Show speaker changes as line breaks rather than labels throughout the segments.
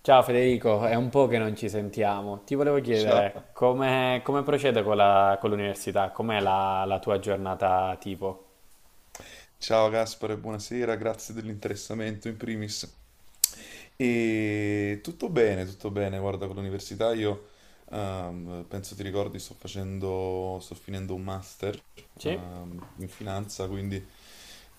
Ciao Federico, è un po' che non ci sentiamo. Ti volevo
Ciao,
chiedere come procede con con l'università? Com'è la tua giornata tipo?
ciao Gaspare, buonasera, grazie dell'interessamento in primis. E tutto bene, guarda, con l'università io penso ti ricordi, sto finendo un master
Sì?
in finanza, quindi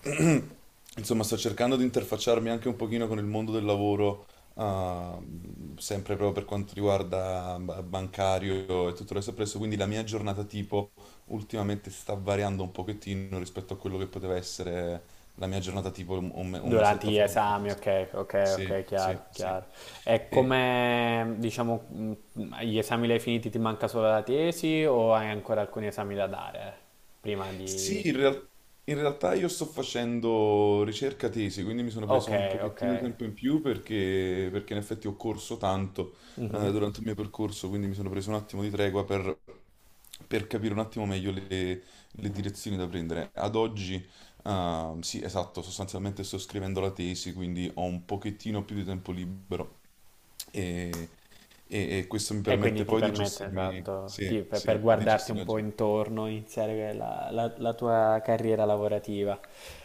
insomma sto cercando di interfacciarmi anche un pochino con il mondo del lavoro, sempre proprio per quanto riguarda bancario e tutto il resto presso, quindi la mia giornata tipo ultimamente sta variando un pochettino rispetto a quello che poteva essere la mia giornata tipo un
Durante
mesetto
gli
fa. Un po' di
esami,
mese-
ok, ok,
Sì,
ok,
sì,
chiaro,
sì.
chiaro. E
E,
come, diciamo, gli esami li hai finiti, ti manca solo la tesi o hai ancora alcuni esami da dare prima di...
Sì, in real- in realtà io sto facendo ricerca tesi, quindi mi sono
Ok,
preso un
ok.
pochettino di tempo in più perché in effetti ho corso tanto
Mhm.
durante il mio percorso, quindi mi sono preso un attimo di tregua per capire un attimo meglio le direzioni da prendere. Ad oggi, sì, esatto, sostanzialmente sto scrivendo la tesi, quindi ho un pochettino più di tempo libero e, e questo mi
E quindi
permette
ti
poi di
permette,
gestirmi,
esatto,
sì,
per
sì, di
guardarti
gestire
un
la
po'
giornata.
intorno, iniziare la tua carriera lavorativa.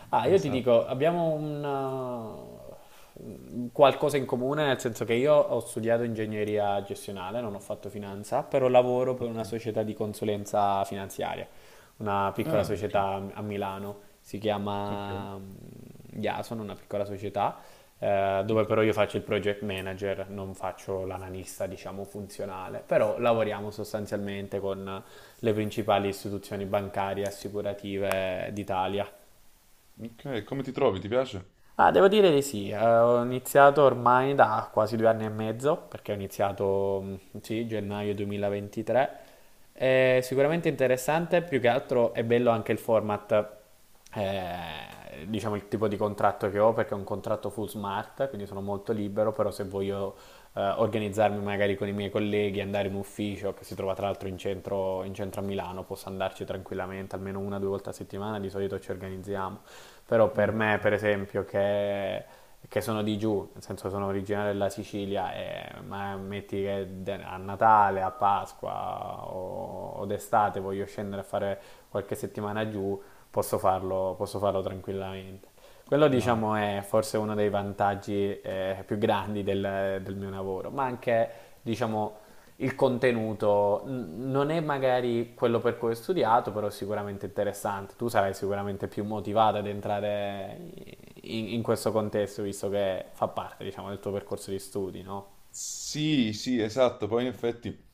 Ah, io ti dico,
Esatto.
abbiamo un qualcosa in comune, nel senso che io ho studiato ingegneria gestionale, non ho fatto finanza, però lavoro per una
Ok.
società di consulenza finanziaria, una piccola
Ah, ok,
società a Milano si
ok,
chiama Yason, una piccola società, dove
ok.
però io faccio il project manager, non faccio l'analista, diciamo, funzionale, però lavoriamo sostanzialmente con le principali istituzioni bancarie e assicurative d'Italia.
Ok, come ti trovi? Ti piace?
Ah, devo dire di sì, ho iniziato ormai da quasi 2 anni e mezzo, perché ho iniziato, sì, gennaio 2023. È sicuramente interessante, più che altro è bello anche il format, diciamo il tipo di contratto che ho, perché è un contratto full smart, quindi sono molto libero, però se voglio organizzarmi magari con i miei colleghi, andare in ufficio, che si trova tra l'altro in centro a Milano, possa andarci tranquillamente almeno una o 2 volte a settimana, di solito ci organizziamo. Però per
Mm,
me, per esempio, che sono di giù, nel senso sono originario della Sicilia, ma metti che a Natale, a Pasqua o d'estate voglio scendere a fare qualche settimana giù, posso farlo tranquillamente. Quello
ma
diciamo è forse uno dei vantaggi più grandi del mio lavoro, ma anche diciamo il contenuto non è magari quello per cui ho studiato, però è sicuramente interessante. Tu sarai sicuramente più motivata ad entrare in questo contesto, visto che fa parte, diciamo, del tuo percorso di studi, no?
sì, sì, esatto. Poi in effetti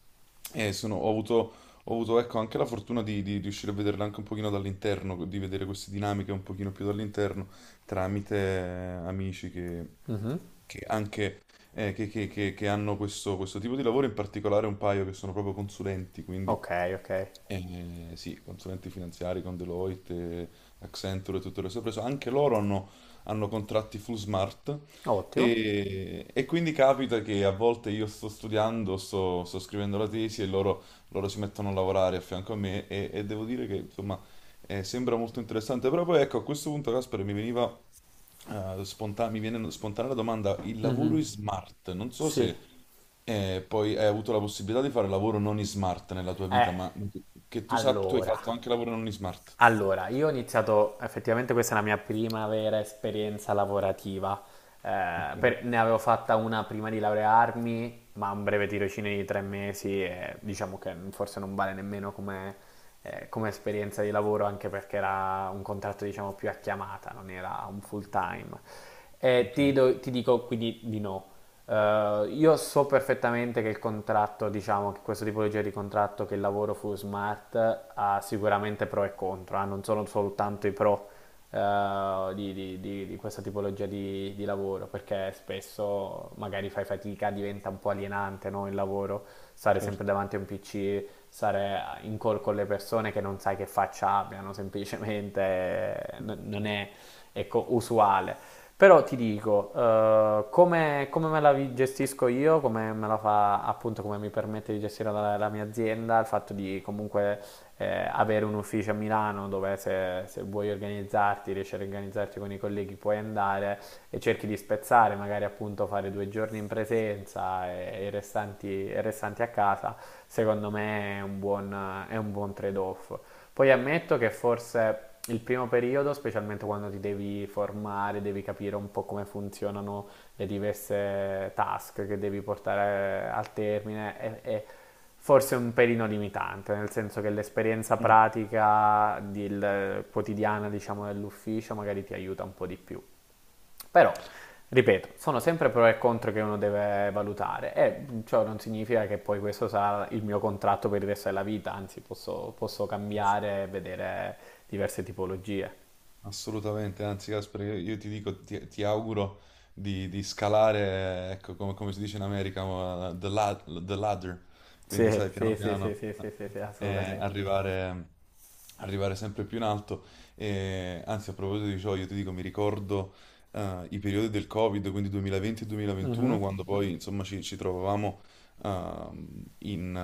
Ho avuto, ecco, anche la fortuna di riuscire a vederla anche un pochino dall'interno, di vedere queste dinamiche un pochino più dall'interno, tramite amici
Mhm.
che anche che hanno questo, questo tipo di lavoro, in particolare un paio che sono proprio consulenti, quindi
Ok, ok.
sì, consulenti finanziari con Deloitte, Accenture e tutte le sue preso. Anche loro hanno, hanno contratti full smart
Ottimo.
e quindi capita che a volte io sto studiando, sto scrivendo la tesi loro si mettono a lavorare a fianco a me e devo dire che insomma sembra molto interessante, però poi ecco a questo punto Casper mi veniva mi viene spontanea la domanda, il lavoro
Mhm.
in smart, non so
Sì.
se poi hai avuto la possibilità di fare lavoro non in smart nella tua
Eh,
vita, ma che tu sappia, tu hai
allora.
fatto anche lavoro non in smart.
Allora, io ho iniziato, effettivamente questa è la mia prima vera esperienza lavorativa.
Ok,
Ne avevo fatta una prima di laurearmi, ma un breve tirocinio di 3 mesi e diciamo che forse non vale nemmeno come, come esperienza di lavoro, anche perché era un contratto diciamo più a chiamata, non era un full time. E
ok,
ti dico quindi di no. Io so perfettamente che il contratto, diciamo, che questo tipologia di contratto che il lavoro full smart ha sicuramente pro e contro, non sono soltanto i pro di questa tipologia di lavoro, perché spesso magari fai fatica, diventa un po' alienante, no, il lavoro, stare sempre
certo.
davanti a un PC, stare in call con le persone che non sai che faccia abbiano, semplicemente non è ecco, usuale. Però ti dico, come me la gestisco io, come me la fa appunto, come mi permette di gestire la mia azienda, il fatto di comunque avere un ufficio a Milano dove se vuoi organizzarti, riesci a organizzarti con i colleghi, puoi andare e cerchi di spezzare, magari appunto fare 2 giorni in presenza e i restanti a casa, secondo me è un buon trade-off. Poi ammetto che forse il primo periodo, specialmente quando ti devi formare, devi capire un po' come funzionano le diverse task che devi portare al termine, è forse un pelino limitante, nel senso che l'esperienza
Mm.
pratica quotidiana, diciamo, dell'ufficio magari ti aiuta un po' di più. Però, ripeto, sono sempre pro e contro che uno deve valutare e ciò non significa che poi questo sarà il mio contratto per il resto della vita, anzi posso cambiare e vedere diverse tipologie.
Assolutamente, anzi Casper, io ti dico, ti auguro di scalare, ecco, come si dice in America, the ladder, quindi
Sì,
sai, piano
sì, sì, sì,
piano,
sì, sì, sì, sì,
eh,
assolutamente.
arrivare, arrivare sempre più in alto. E, anzi, a proposito di ciò, io ti dico, mi ricordo i periodi del Covid, quindi 2020 e
Mhm.
2021, quando poi, insomma, ci trovavamo ehm, in,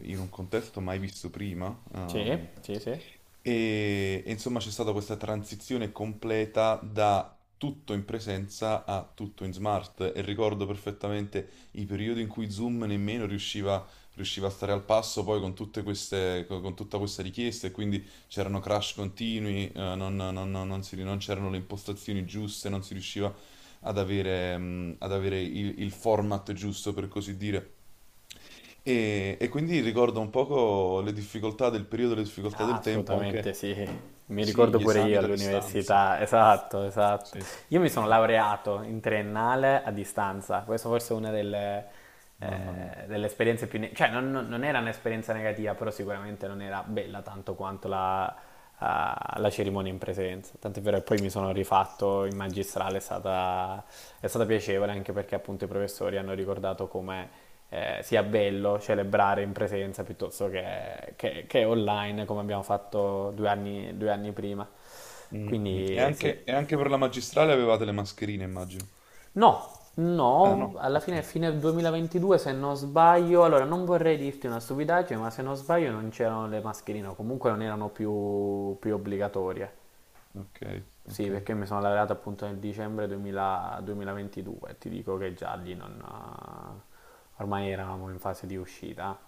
in un contesto mai visto prima.
Sì, sì, sì.
E insomma c'è stata questa transizione completa da tutto in presenza a tutto in smart e ricordo perfettamente i periodi in cui Zoom nemmeno riusciva, riusciva a stare al passo poi con tutte queste, tutta questa richiesta e quindi c'erano crash continui, non c'erano le impostazioni giuste, non si riusciva ad avere, il format giusto, per così dire. E quindi ricordo un poco le difficoltà del periodo, le difficoltà
Ah,
del tempo,
assolutamente
anche
sì, mi
sì,
ricordo
gli
pure
esami
io
da distanza.
all'università, esatto, esatto.
Sì,
Io mi sono
sì,
laureato in triennale a distanza, questa forse è una delle,
mamma mia.
eh, delle esperienze più... cioè non era un'esperienza negativa, però sicuramente non era bella tanto quanto la alla cerimonia in presenza. Tant'è vero che poi mi sono rifatto in magistrale, è stata piacevole anche perché appunto i professori hanno ricordato come sia bello celebrare in presenza piuttosto che online come abbiamo fatto due anni prima.
Mm, mm.
Quindi sì.
E anche per la magistrale avevate le mascherine, immagino.
No,
Ah
no,
no,
alla
ok,
fine 2022 se non sbaglio, allora non vorrei dirti una stupidaggine, ma se non sbaglio non c'erano le mascherine, o comunque non erano più obbligatorie.
ok,
Sì,
ok,
perché mi sono laureato appunto nel dicembre 2000 2022, ti dico che già lì non... ormai eravamo in fase di uscita,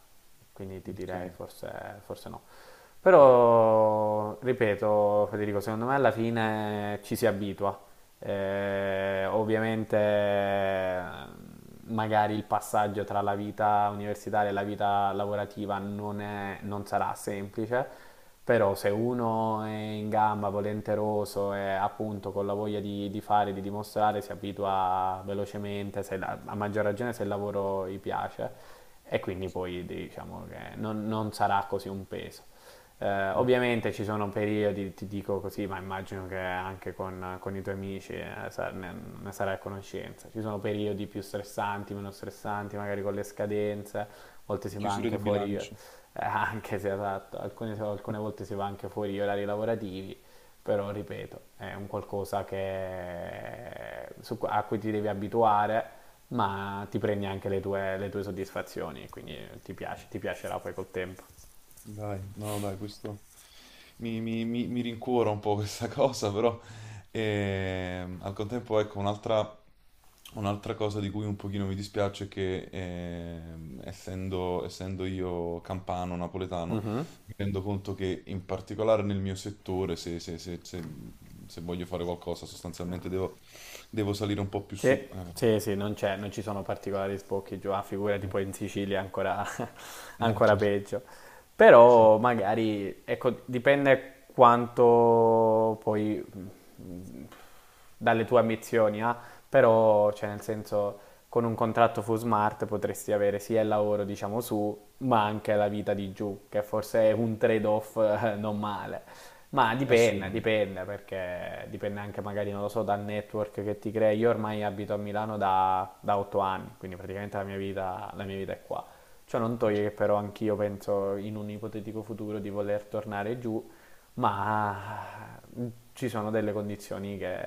quindi ti direi forse no. Però, ripeto, Federico, secondo me alla fine ci si abitua. Ovviamente magari il passaggio tra la vita universitaria e la vita lavorativa non sarà semplice, però se uno è in gamba, volenteroso e appunto con la voglia di fare, di dimostrare, si abitua velocemente, se la- a maggior ragione se il lavoro gli piace e quindi poi diciamo che non sarà così un peso. Eh,
ok.
ovviamente ci sono periodi, ti dico così, ma immagino che anche con i tuoi amici ne sarai a conoscenza. Ci sono periodi più stressanti, meno stressanti, magari con le scadenze, a volte si va
Chiusura
anche
di
fuori,
bilancio.
anche se esatto, alcune volte si va anche fuori gli orari lavorativi, però ripeto, è un qualcosa a cui ti devi abituare, ma ti prendi anche le tue soddisfazioni, quindi ti piacerà poi col tempo.
Dai, no, no, dai, questo mi rincuora un po' questa cosa, però al contempo, ecco, un'altra cosa di cui un pochino mi dispiace è che essendo io campano, napoletano,
Mhm.
mi rendo conto che in particolare nel mio settore, se voglio fare qualcosa, sostanzialmente devo, devo salire un po' più su.
Sì, sì, sì, non ci sono particolari sbocchi giù, ah, figurati poi in Sicilia è ancora,
Eh,
ancora
certo,
peggio.
sì,
Però magari, ecco, dipende quanto poi mh, dalle tue ambizioni, però, cioè, nel senso, con un contratto full smart potresti avere sia il lavoro, diciamo, su, ma anche la vita di giù, che forse è un trade-off non male. Ma dipende,
assolutamente.
dipende, perché dipende anche magari, non lo so, dal network che ti crei. Io ormai abito a Milano da 8 anni, quindi praticamente la mia vita è qua. Ciò non toglie che però anch'io penso in un ipotetico futuro di voler tornare giù, ma ci sono delle condizioni che,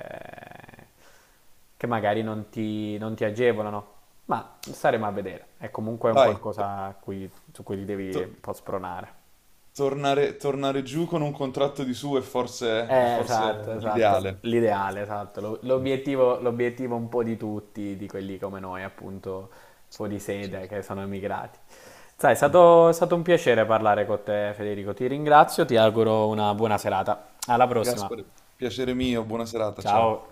che magari non ti agevolano. Ma staremo a vedere. È comunque un
Dai, to-
qualcosa su cui ti devi
to-
un po' spronare.
Tornare, tornare giù con un contratto di su è
Eh,
forse
esatto, esatto,
l'ideale.
l'ideale, esatto,
Sì,
l'obiettivo un po' di tutti, di quelli come noi, appunto, fuori sede,
certo.
che sono emigrati. Sai, è stato un piacere parlare con te, Federico, ti ringrazio, ti auguro una buona serata. Alla prossima,
Gaspare, piacere mio, buona serata,
ciao!
ciao.